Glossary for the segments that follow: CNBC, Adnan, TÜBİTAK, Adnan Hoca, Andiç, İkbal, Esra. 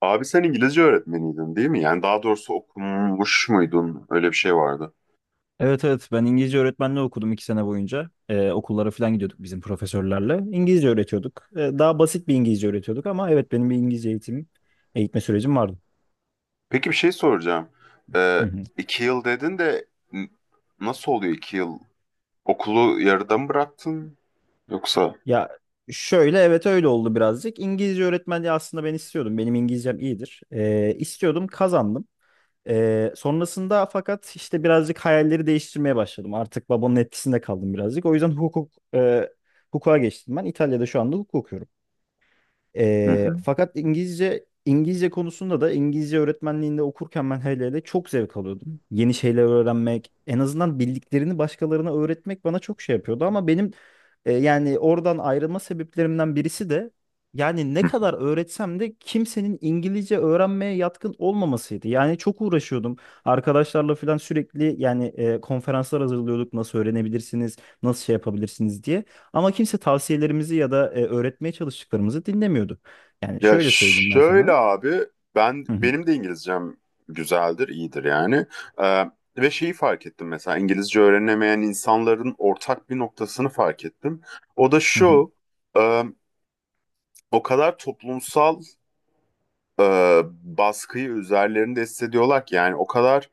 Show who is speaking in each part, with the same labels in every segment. Speaker 1: Abi sen İngilizce öğretmeniydin değil mi? Yani daha doğrusu okumuş muydun? Öyle bir şey vardı.
Speaker 2: Evet evet ben İngilizce öğretmenliği okudum 2 sene boyunca. Okullara falan gidiyorduk bizim profesörlerle. İngilizce öğretiyorduk. Daha basit bir İngilizce öğretiyorduk ama evet benim bir İngilizce eğitim, eğitme sürecim vardı.
Speaker 1: Peki bir şey soracağım.
Speaker 2: Hı
Speaker 1: Ee,
Speaker 2: hı.
Speaker 1: 2 yıl dedin de nasıl oluyor 2 yıl? Okulu yarıda mı bıraktın? Yoksa?
Speaker 2: Ya şöyle evet öyle oldu birazcık. İngilizce öğretmenliği aslında ben istiyordum. Benim İngilizcem iyidir. İstiyordum kazandım. Sonrasında fakat işte birazcık hayalleri değiştirmeye başladım. Artık babamın etkisinde kaldım birazcık. O yüzden hukuka geçtim ben. İtalya'da şu anda hukuk okuyorum.
Speaker 1: Hı
Speaker 2: Ee,
Speaker 1: hı.
Speaker 2: fakat İngilizce İngilizce konusunda da İngilizce öğretmenliğinde okurken ben hele hele çok zevk alıyordum. Yeni şeyler öğrenmek, en azından bildiklerini başkalarına öğretmek bana çok şey yapıyordu ama benim yani oradan ayrılma sebeplerimden birisi de yani ne
Speaker 1: Hı.
Speaker 2: kadar öğretsem de kimsenin İngilizce öğrenmeye yatkın olmamasıydı. Yani çok uğraşıyordum. Arkadaşlarla falan sürekli yani konferanslar hazırlıyorduk. Nasıl öğrenebilirsiniz, nasıl şey yapabilirsiniz diye. Ama kimse tavsiyelerimizi ya da öğretmeye çalıştıklarımızı dinlemiyordu. Yani
Speaker 1: Ya
Speaker 2: şöyle söyleyeyim ben
Speaker 1: şöyle
Speaker 2: sana.
Speaker 1: abi
Speaker 2: Hı hı,
Speaker 1: benim de İngilizcem güzeldir, iyidir yani. Ee, ve şeyi fark ettim mesela İngilizce öğrenemeyen insanların ortak bir noktasını fark ettim. O da
Speaker 2: hı hı,
Speaker 1: şu. e, o kadar toplumsal e, baskıyı üzerlerinde hissediyorlar ki yani o kadar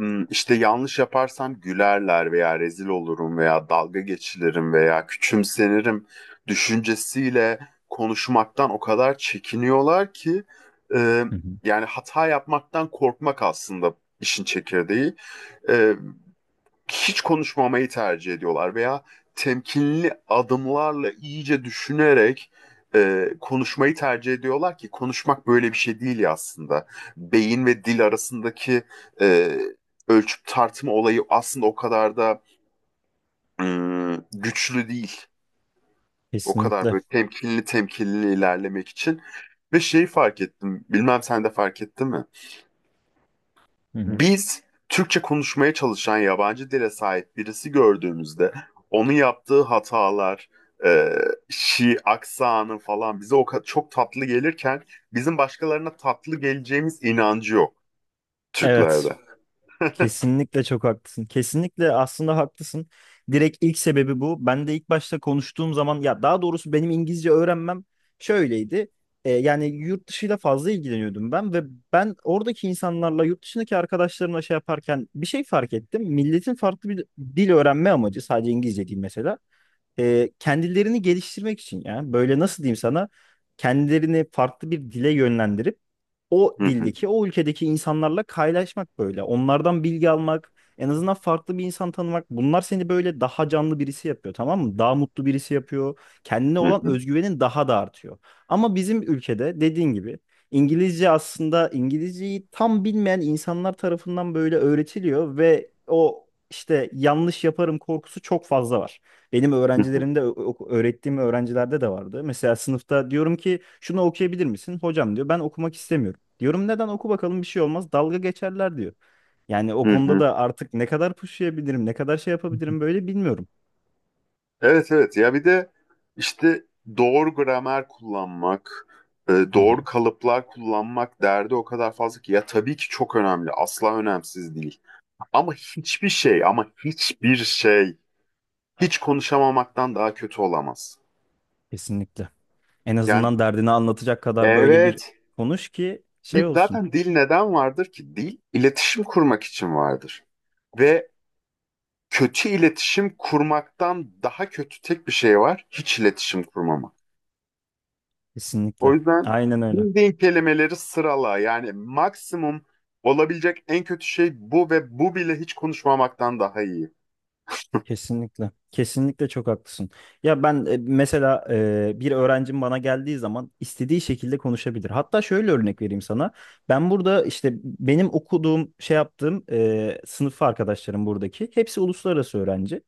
Speaker 1: işte yanlış yaparsam gülerler veya rezil olurum veya dalga geçilirim veya küçümsenirim düşüncesiyle konuşmaktan o kadar çekiniyorlar ki e,
Speaker 2: hı hı.
Speaker 1: yani hata yapmaktan korkmak aslında işin çekirdeği. E, Hiç konuşmamayı tercih ediyorlar veya temkinli adımlarla iyice düşünerek konuşmayı tercih ediyorlar ki konuşmak böyle bir şey değil ya aslında. Beyin ve dil arasındaki e, ölçüp tartma olayı aslında o kadar da güçlü değil. O kadar
Speaker 2: Kesinlikle.
Speaker 1: böyle temkinli temkinli ilerlemek için. Ve şeyi fark ettim. Bilmem sen de fark ettin mi?
Speaker 2: Hı hı.
Speaker 1: Biz Türkçe konuşmaya çalışan yabancı dile sahip birisi gördüğümüzde onun yaptığı hatalar, e, aksanı falan bize o kadar çok tatlı gelirken bizim başkalarına tatlı geleceğimiz inancı yok
Speaker 2: Evet.
Speaker 1: Türklerde.
Speaker 2: Kesinlikle çok haklısın. Kesinlikle aslında haklısın. Direkt ilk sebebi bu. Ben de ilk başta konuştuğum zaman ya daha doğrusu benim İngilizce öğrenmem şöyleydi. Yani yurt dışıyla fazla ilgileniyordum ben ve ben oradaki insanlarla yurt dışındaki arkadaşlarımla şey yaparken bir şey fark ettim. Milletin farklı bir dil öğrenme amacı sadece İngilizce değil mesela. Kendilerini geliştirmek için ya böyle nasıl diyeyim sana kendilerini farklı bir dile yönlendirip o
Speaker 1: Hı hı,
Speaker 2: dildeki o ülkedeki insanlarla kaynaşmak böyle onlardan bilgi almak en azından farklı bir insan tanımak bunlar seni böyle daha canlı birisi yapıyor tamam mı daha mutlu birisi yapıyor, kendine
Speaker 1: hı
Speaker 2: olan
Speaker 1: hı,
Speaker 2: özgüvenin daha da artıyor ama bizim ülkede dediğin gibi İngilizce aslında İngilizceyi tam bilmeyen insanlar tarafından böyle öğretiliyor ve o işte yanlış yaparım korkusu çok fazla var. Benim
Speaker 1: hı hı,
Speaker 2: öğrencilerimde, öğrettiğim öğrencilerde de vardı. Mesela sınıfta diyorum ki şunu okuyabilir misin? Hocam diyor ben okumak istemiyorum. Diyorum neden, oku bakalım, bir şey olmaz. Dalga geçerler diyor. Yani o
Speaker 1: hı
Speaker 2: konuda
Speaker 1: hı.
Speaker 2: da artık ne kadar pushlayabilirim, ne kadar şey yapabilirim böyle, bilmiyorum.
Speaker 1: Evet evet ya bir de işte doğru gramer kullanmak,
Speaker 2: Hı hı.
Speaker 1: doğru kalıplar kullanmak derdi o kadar fazla ki ya tabii ki çok önemli asla önemsiz değil. Ama hiçbir şey hiç konuşamamaktan daha kötü olamaz.
Speaker 2: Kesinlikle. En
Speaker 1: Yani
Speaker 2: azından derdini anlatacak kadar böyle bir
Speaker 1: evet
Speaker 2: konuş ki şey olsun.
Speaker 1: zaten dil neden vardır ki? Dil iletişim kurmak için vardır. Ve kötü iletişim kurmaktan daha kötü tek bir şey var. Hiç iletişim kurmamak. O
Speaker 2: Kesinlikle.
Speaker 1: yüzden
Speaker 2: Aynen öyle.
Speaker 1: bildiğin kelimeleri sırala. Yani maksimum olabilecek en kötü şey bu ve bu bile hiç konuşmamaktan daha iyi.
Speaker 2: Kesinlikle. Kesinlikle çok haklısın. Ya ben mesela bir öğrencim bana geldiği zaman istediği şekilde konuşabilir. Hatta şöyle örnek vereyim sana. Ben burada işte benim okuduğum, şey yaptığım sınıf arkadaşlarım buradaki hepsi uluslararası öğrenci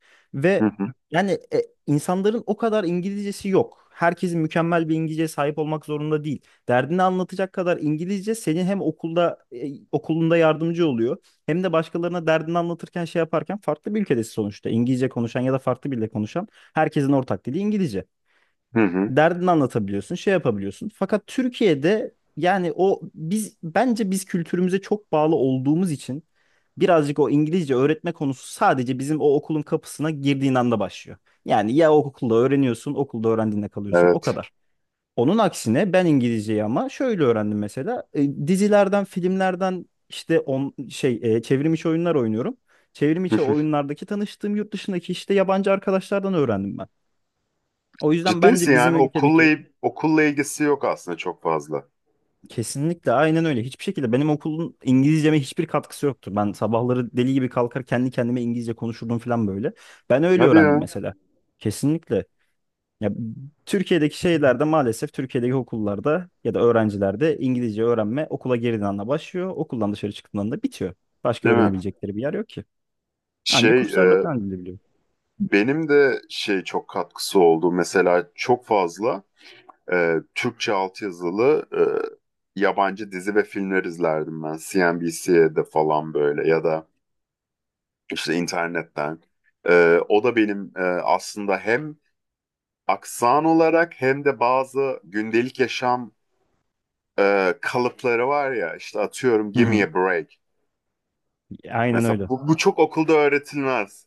Speaker 1: Hı
Speaker 2: ve
Speaker 1: hı.
Speaker 2: yani insanların o kadar İngilizcesi yok. Herkesin mükemmel bir İngilizceye sahip olmak zorunda değil. Derdini anlatacak kadar İngilizce senin hem okulunda yardımcı oluyor. Hem de başkalarına derdini anlatırken şey yaparken farklı bir ülkedesin sonuçta. İngilizce konuşan ya da farklı bir dilde konuşan herkesin ortak dili İngilizce.
Speaker 1: Evet. Hı hı.
Speaker 2: Derdini anlatabiliyorsun, şey yapabiliyorsun. Fakat Türkiye'de yani o biz bence biz kültürümüze çok bağlı olduğumuz için birazcık o İngilizce öğretme konusu sadece bizim o okulun kapısına girdiğin anda başlıyor. Yani ya okulda öğreniyorsun, okulda öğrendiğinde kalıyorsun, o
Speaker 1: Evet.
Speaker 2: kadar. Onun aksine ben İngilizceyi ama şöyle öğrendim mesela. Dizilerden, filmlerden işte çevrim içi oyunlar oynuyorum. Çevrim içi oyunlardaki tanıştığım yurt dışındaki işte yabancı arkadaşlardan öğrendim ben. O yüzden
Speaker 1: Ciddi misin
Speaker 2: bence bizim
Speaker 1: yani
Speaker 2: ülkedeki
Speaker 1: okulla ilgisi yok aslında çok fazla.
Speaker 2: kesinlikle aynen öyle. Hiçbir şekilde benim okulun İngilizceme hiçbir katkısı yoktu. Ben sabahları deli gibi kalkar kendi kendime İngilizce konuşurdum falan böyle. Ben öyle
Speaker 1: Hadi
Speaker 2: öğrendim
Speaker 1: ya.
Speaker 2: mesela. Kesinlikle. Ya, Türkiye'deki şeylerde maalesef Türkiye'deki okullarda ya da öğrencilerde İngilizce öğrenme okula girdiğin anda başlıyor. Okuldan dışarı çıktığın anda bitiyor. Başka
Speaker 1: Değil mi?
Speaker 2: öğrenebilecekleri bir yer yok ki. Ancak
Speaker 1: Şey
Speaker 2: kurslarla
Speaker 1: e,
Speaker 2: falan gidebiliyor.
Speaker 1: benim de şey çok katkısı oldu. Mesela çok fazla Türkçe altyazılı yabancı dizi ve filmler izlerdim ben. CNBC'de falan böyle ya da işte internetten. O da benim aslında hem aksan olarak hem de bazı gündelik yaşam kalıpları var ya işte atıyorum
Speaker 2: Hı
Speaker 1: give
Speaker 2: hı.
Speaker 1: me a break.
Speaker 2: Aynen
Speaker 1: Mesela
Speaker 2: öyle.
Speaker 1: bu çok okulda öğretilmez.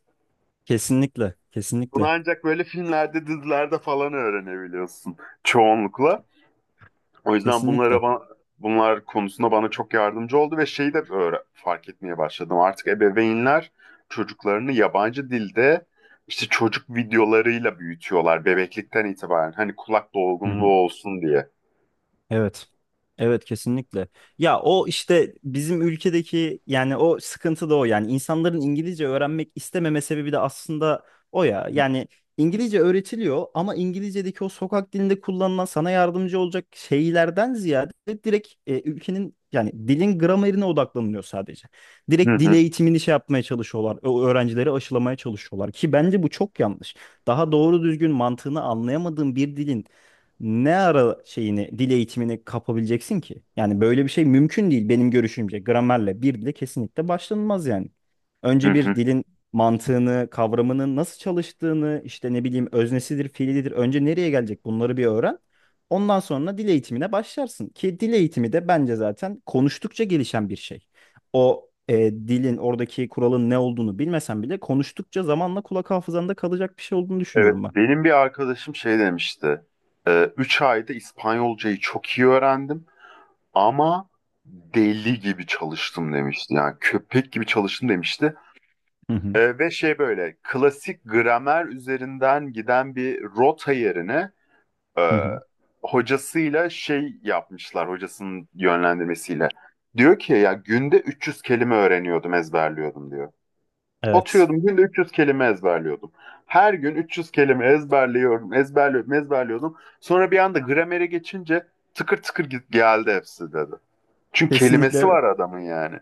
Speaker 2: Kesinlikle.
Speaker 1: Bunu
Speaker 2: Kesinlikle.
Speaker 1: ancak böyle filmlerde, dizilerde falan öğrenebiliyorsun çoğunlukla. O yüzden bunlara
Speaker 2: Kesinlikle.
Speaker 1: bunlar konusunda bana çok yardımcı oldu ve şeyi de fark etmeye başladım. Artık ebeveynler çocuklarını yabancı dilde işte çocuk videolarıyla büyütüyorlar bebeklikten itibaren. Hani kulak dolgunluğu
Speaker 2: Hı.
Speaker 1: olsun diye.
Speaker 2: Evet. Evet kesinlikle. Ya o işte bizim ülkedeki yani o sıkıntı da o yani insanların İngilizce öğrenmek istememe sebebi de aslında o ya. Yani İngilizce öğretiliyor ama İngilizce'deki o sokak dilinde kullanılan sana yardımcı olacak şeylerden ziyade direkt ülkenin yani dilin gramerine odaklanılıyor sadece.
Speaker 1: Hı
Speaker 2: Direkt dil
Speaker 1: hı,
Speaker 2: eğitimini şey yapmaya çalışıyorlar. O öğrencileri aşılamaya çalışıyorlar ki bence bu çok yanlış. Daha doğru düzgün mantığını anlayamadığın bir dilin ne ara şeyini, dil eğitimini kapabileceksin ki? Yani böyle bir şey mümkün değil benim görüşümce. Gramerle bir dile kesinlikle başlanılmaz yani.
Speaker 1: hı
Speaker 2: Önce bir
Speaker 1: hı.
Speaker 2: dilin mantığını, kavramının nasıl çalıştığını, işte ne bileyim öznesidir, fiilidir, önce nereye gelecek, bunları bir öğren. Ondan sonra dil eğitimine başlarsın. Ki dil eğitimi de bence zaten konuştukça gelişen bir şey. O dilin oradaki kuralın ne olduğunu bilmesen bile konuştukça zamanla kulak hafızanda kalacak bir şey olduğunu
Speaker 1: Evet,
Speaker 2: düşünüyorum ben.
Speaker 1: benim bir arkadaşım şey demişti. 3 ayda İspanyolcayı çok iyi öğrendim. Ama deli gibi çalıştım demişti. Yani köpek gibi çalıştım demişti.
Speaker 2: Hı hı.
Speaker 1: Ve şey böyle klasik gramer üzerinden giden bir rota yerine e,
Speaker 2: Hı hı.
Speaker 1: hocasıyla şey yapmışlar hocasının yönlendirmesiyle. Diyor ki ya günde 300 kelime öğreniyordum, ezberliyordum diyor.
Speaker 2: Evet.
Speaker 1: Oturuyordum günde 300 kelime ezberliyordum. Her gün 300 kelime ezberliyorum, ezberliyordum, ezberliyordum. Sonra bir anda gramere geçince tıkır tıkır geldi hepsi dedi. Çünkü kelimesi
Speaker 2: Kesinlikle.
Speaker 1: var adamın yani.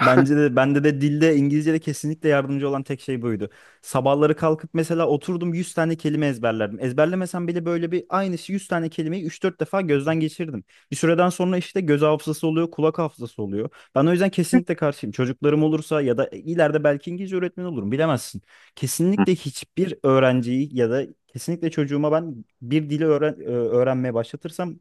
Speaker 2: Bence de bende de dilde İngilizce'de kesinlikle yardımcı olan tek şey buydu. Sabahları kalkıp mesela oturdum 100 tane kelime ezberlerdim. Ezberlemesem bile böyle bir aynı 100 tane kelimeyi üç dört defa gözden geçirdim. Bir süreden sonra işte göz hafızası oluyor, kulak hafızası oluyor. Ben o yüzden kesinlikle karşıyım. Çocuklarım olursa ya da ileride belki İngilizce öğretmeni olurum, bilemezsin. Kesinlikle hiçbir öğrenciyi ya da kesinlikle çocuğuma ben bir dili öğrenmeye başlatırsam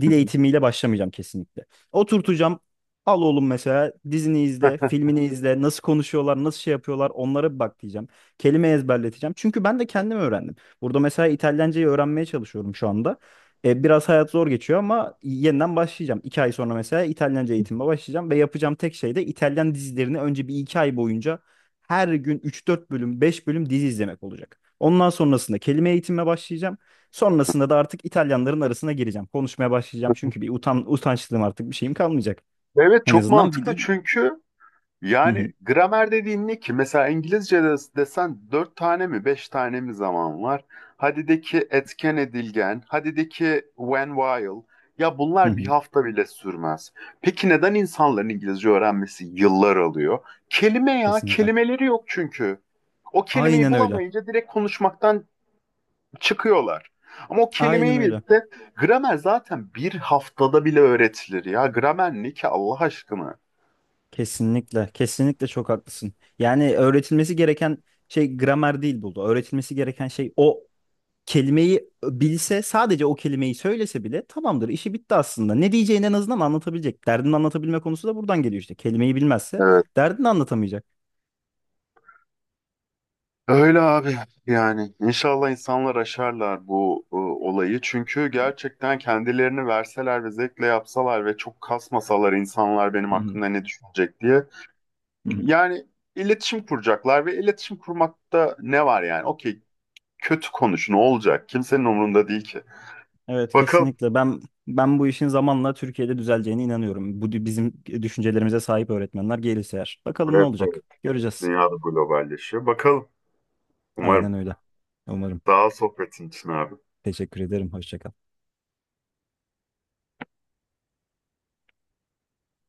Speaker 2: dil eğitimiyle başlamayacağım kesinlikle. Oturtacağım. Al oğlum mesela dizini izle, filmini izle, nasıl konuşuyorlar, nasıl şey yapıyorlar, onlara bir bak diyeceğim. Kelime ezberleteceğim. Çünkü ben de kendim öğrendim. Burada mesela İtalyancayı öğrenmeye çalışıyorum şu anda. Biraz hayat zor geçiyor ama yeniden başlayacağım. İki ay sonra mesela İtalyanca eğitimime başlayacağım ve yapacağım tek şey de İtalyan dizilerini önce bir iki ay boyunca her gün üç dört bölüm, 5 bölüm dizi izlemek olacak. Ondan sonrasında kelime eğitimime başlayacağım. Sonrasında da artık İtalyanların arasına gireceğim. Konuşmaya başlayacağım çünkü bir utançlığım artık bir şeyim kalmayacak.
Speaker 1: Evet
Speaker 2: En
Speaker 1: çok
Speaker 2: azından bir
Speaker 1: mantıklı
Speaker 2: dil.
Speaker 1: çünkü
Speaker 2: Hı
Speaker 1: yani
Speaker 2: hı,
Speaker 1: gramer dediğin ne ki? Mesela İngilizce'de desen dört tane mi beş tane mi zaman var? Hadi de ki etken edilgen, hadi de ki when while. Ya
Speaker 2: hı
Speaker 1: bunlar bir
Speaker 2: hı.
Speaker 1: hafta bile sürmez. Peki neden insanların İngilizce öğrenmesi yıllar alıyor? Kelime ya,
Speaker 2: Kesinlikle.
Speaker 1: kelimeleri yok çünkü. O kelimeyi
Speaker 2: Aynen öyle.
Speaker 1: bulamayınca direkt konuşmaktan çıkıyorlar. Ama o
Speaker 2: Aynen
Speaker 1: kelimeyi
Speaker 2: öyle.
Speaker 1: bilse gramer zaten bir haftada bile öğretilir ya. Gramer ne ki Allah aşkına?
Speaker 2: Kesinlikle. Kesinlikle çok haklısın. Yani öğretilmesi gereken şey gramer değil burada. Öğretilmesi gereken şey o kelimeyi bilse, sadece o kelimeyi söylese bile tamamdır, işi bitti aslında. Ne diyeceğini en azından anlatabilecek. Derdini anlatabilme konusu da buradan geliyor işte. Kelimeyi bilmezse
Speaker 1: Evet.
Speaker 2: derdini anlatamayacak.
Speaker 1: Öyle abi yani inşallah insanlar aşarlar bu olayı çünkü gerçekten kendilerini verseler ve zevkle yapsalar ve çok kasmasalar insanlar benim
Speaker 2: Hı hı,
Speaker 1: hakkımda ne düşünecek diye
Speaker 2: hı hı.
Speaker 1: yani iletişim kuracaklar ve iletişim kurmakta ne var yani okey kötü konuşun olacak kimsenin umurunda değil ki.
Speaker 2: Evet
Speaker 1: Bakalım.
Speaker 2: kesinlikle. Ben bu işin zamanla Türkiye'de düzeleceğine inanıyorum. Bizim düşüncelerimize sahip öğretmenler gelirse eğer. Bakalım ne
Speaker 1: Evet, evet.
Speaker 2: olacak. Göreceğiz.
Speaker 1: Dünyada globalleşiyor. Bakalım. Umarım.
Speaker 2: Aynen öyle. Umarım.
Speaker 1: Sağ ol sohbetin için abi.
Speaker 2: Teşekkür ederim. Hoşça kal.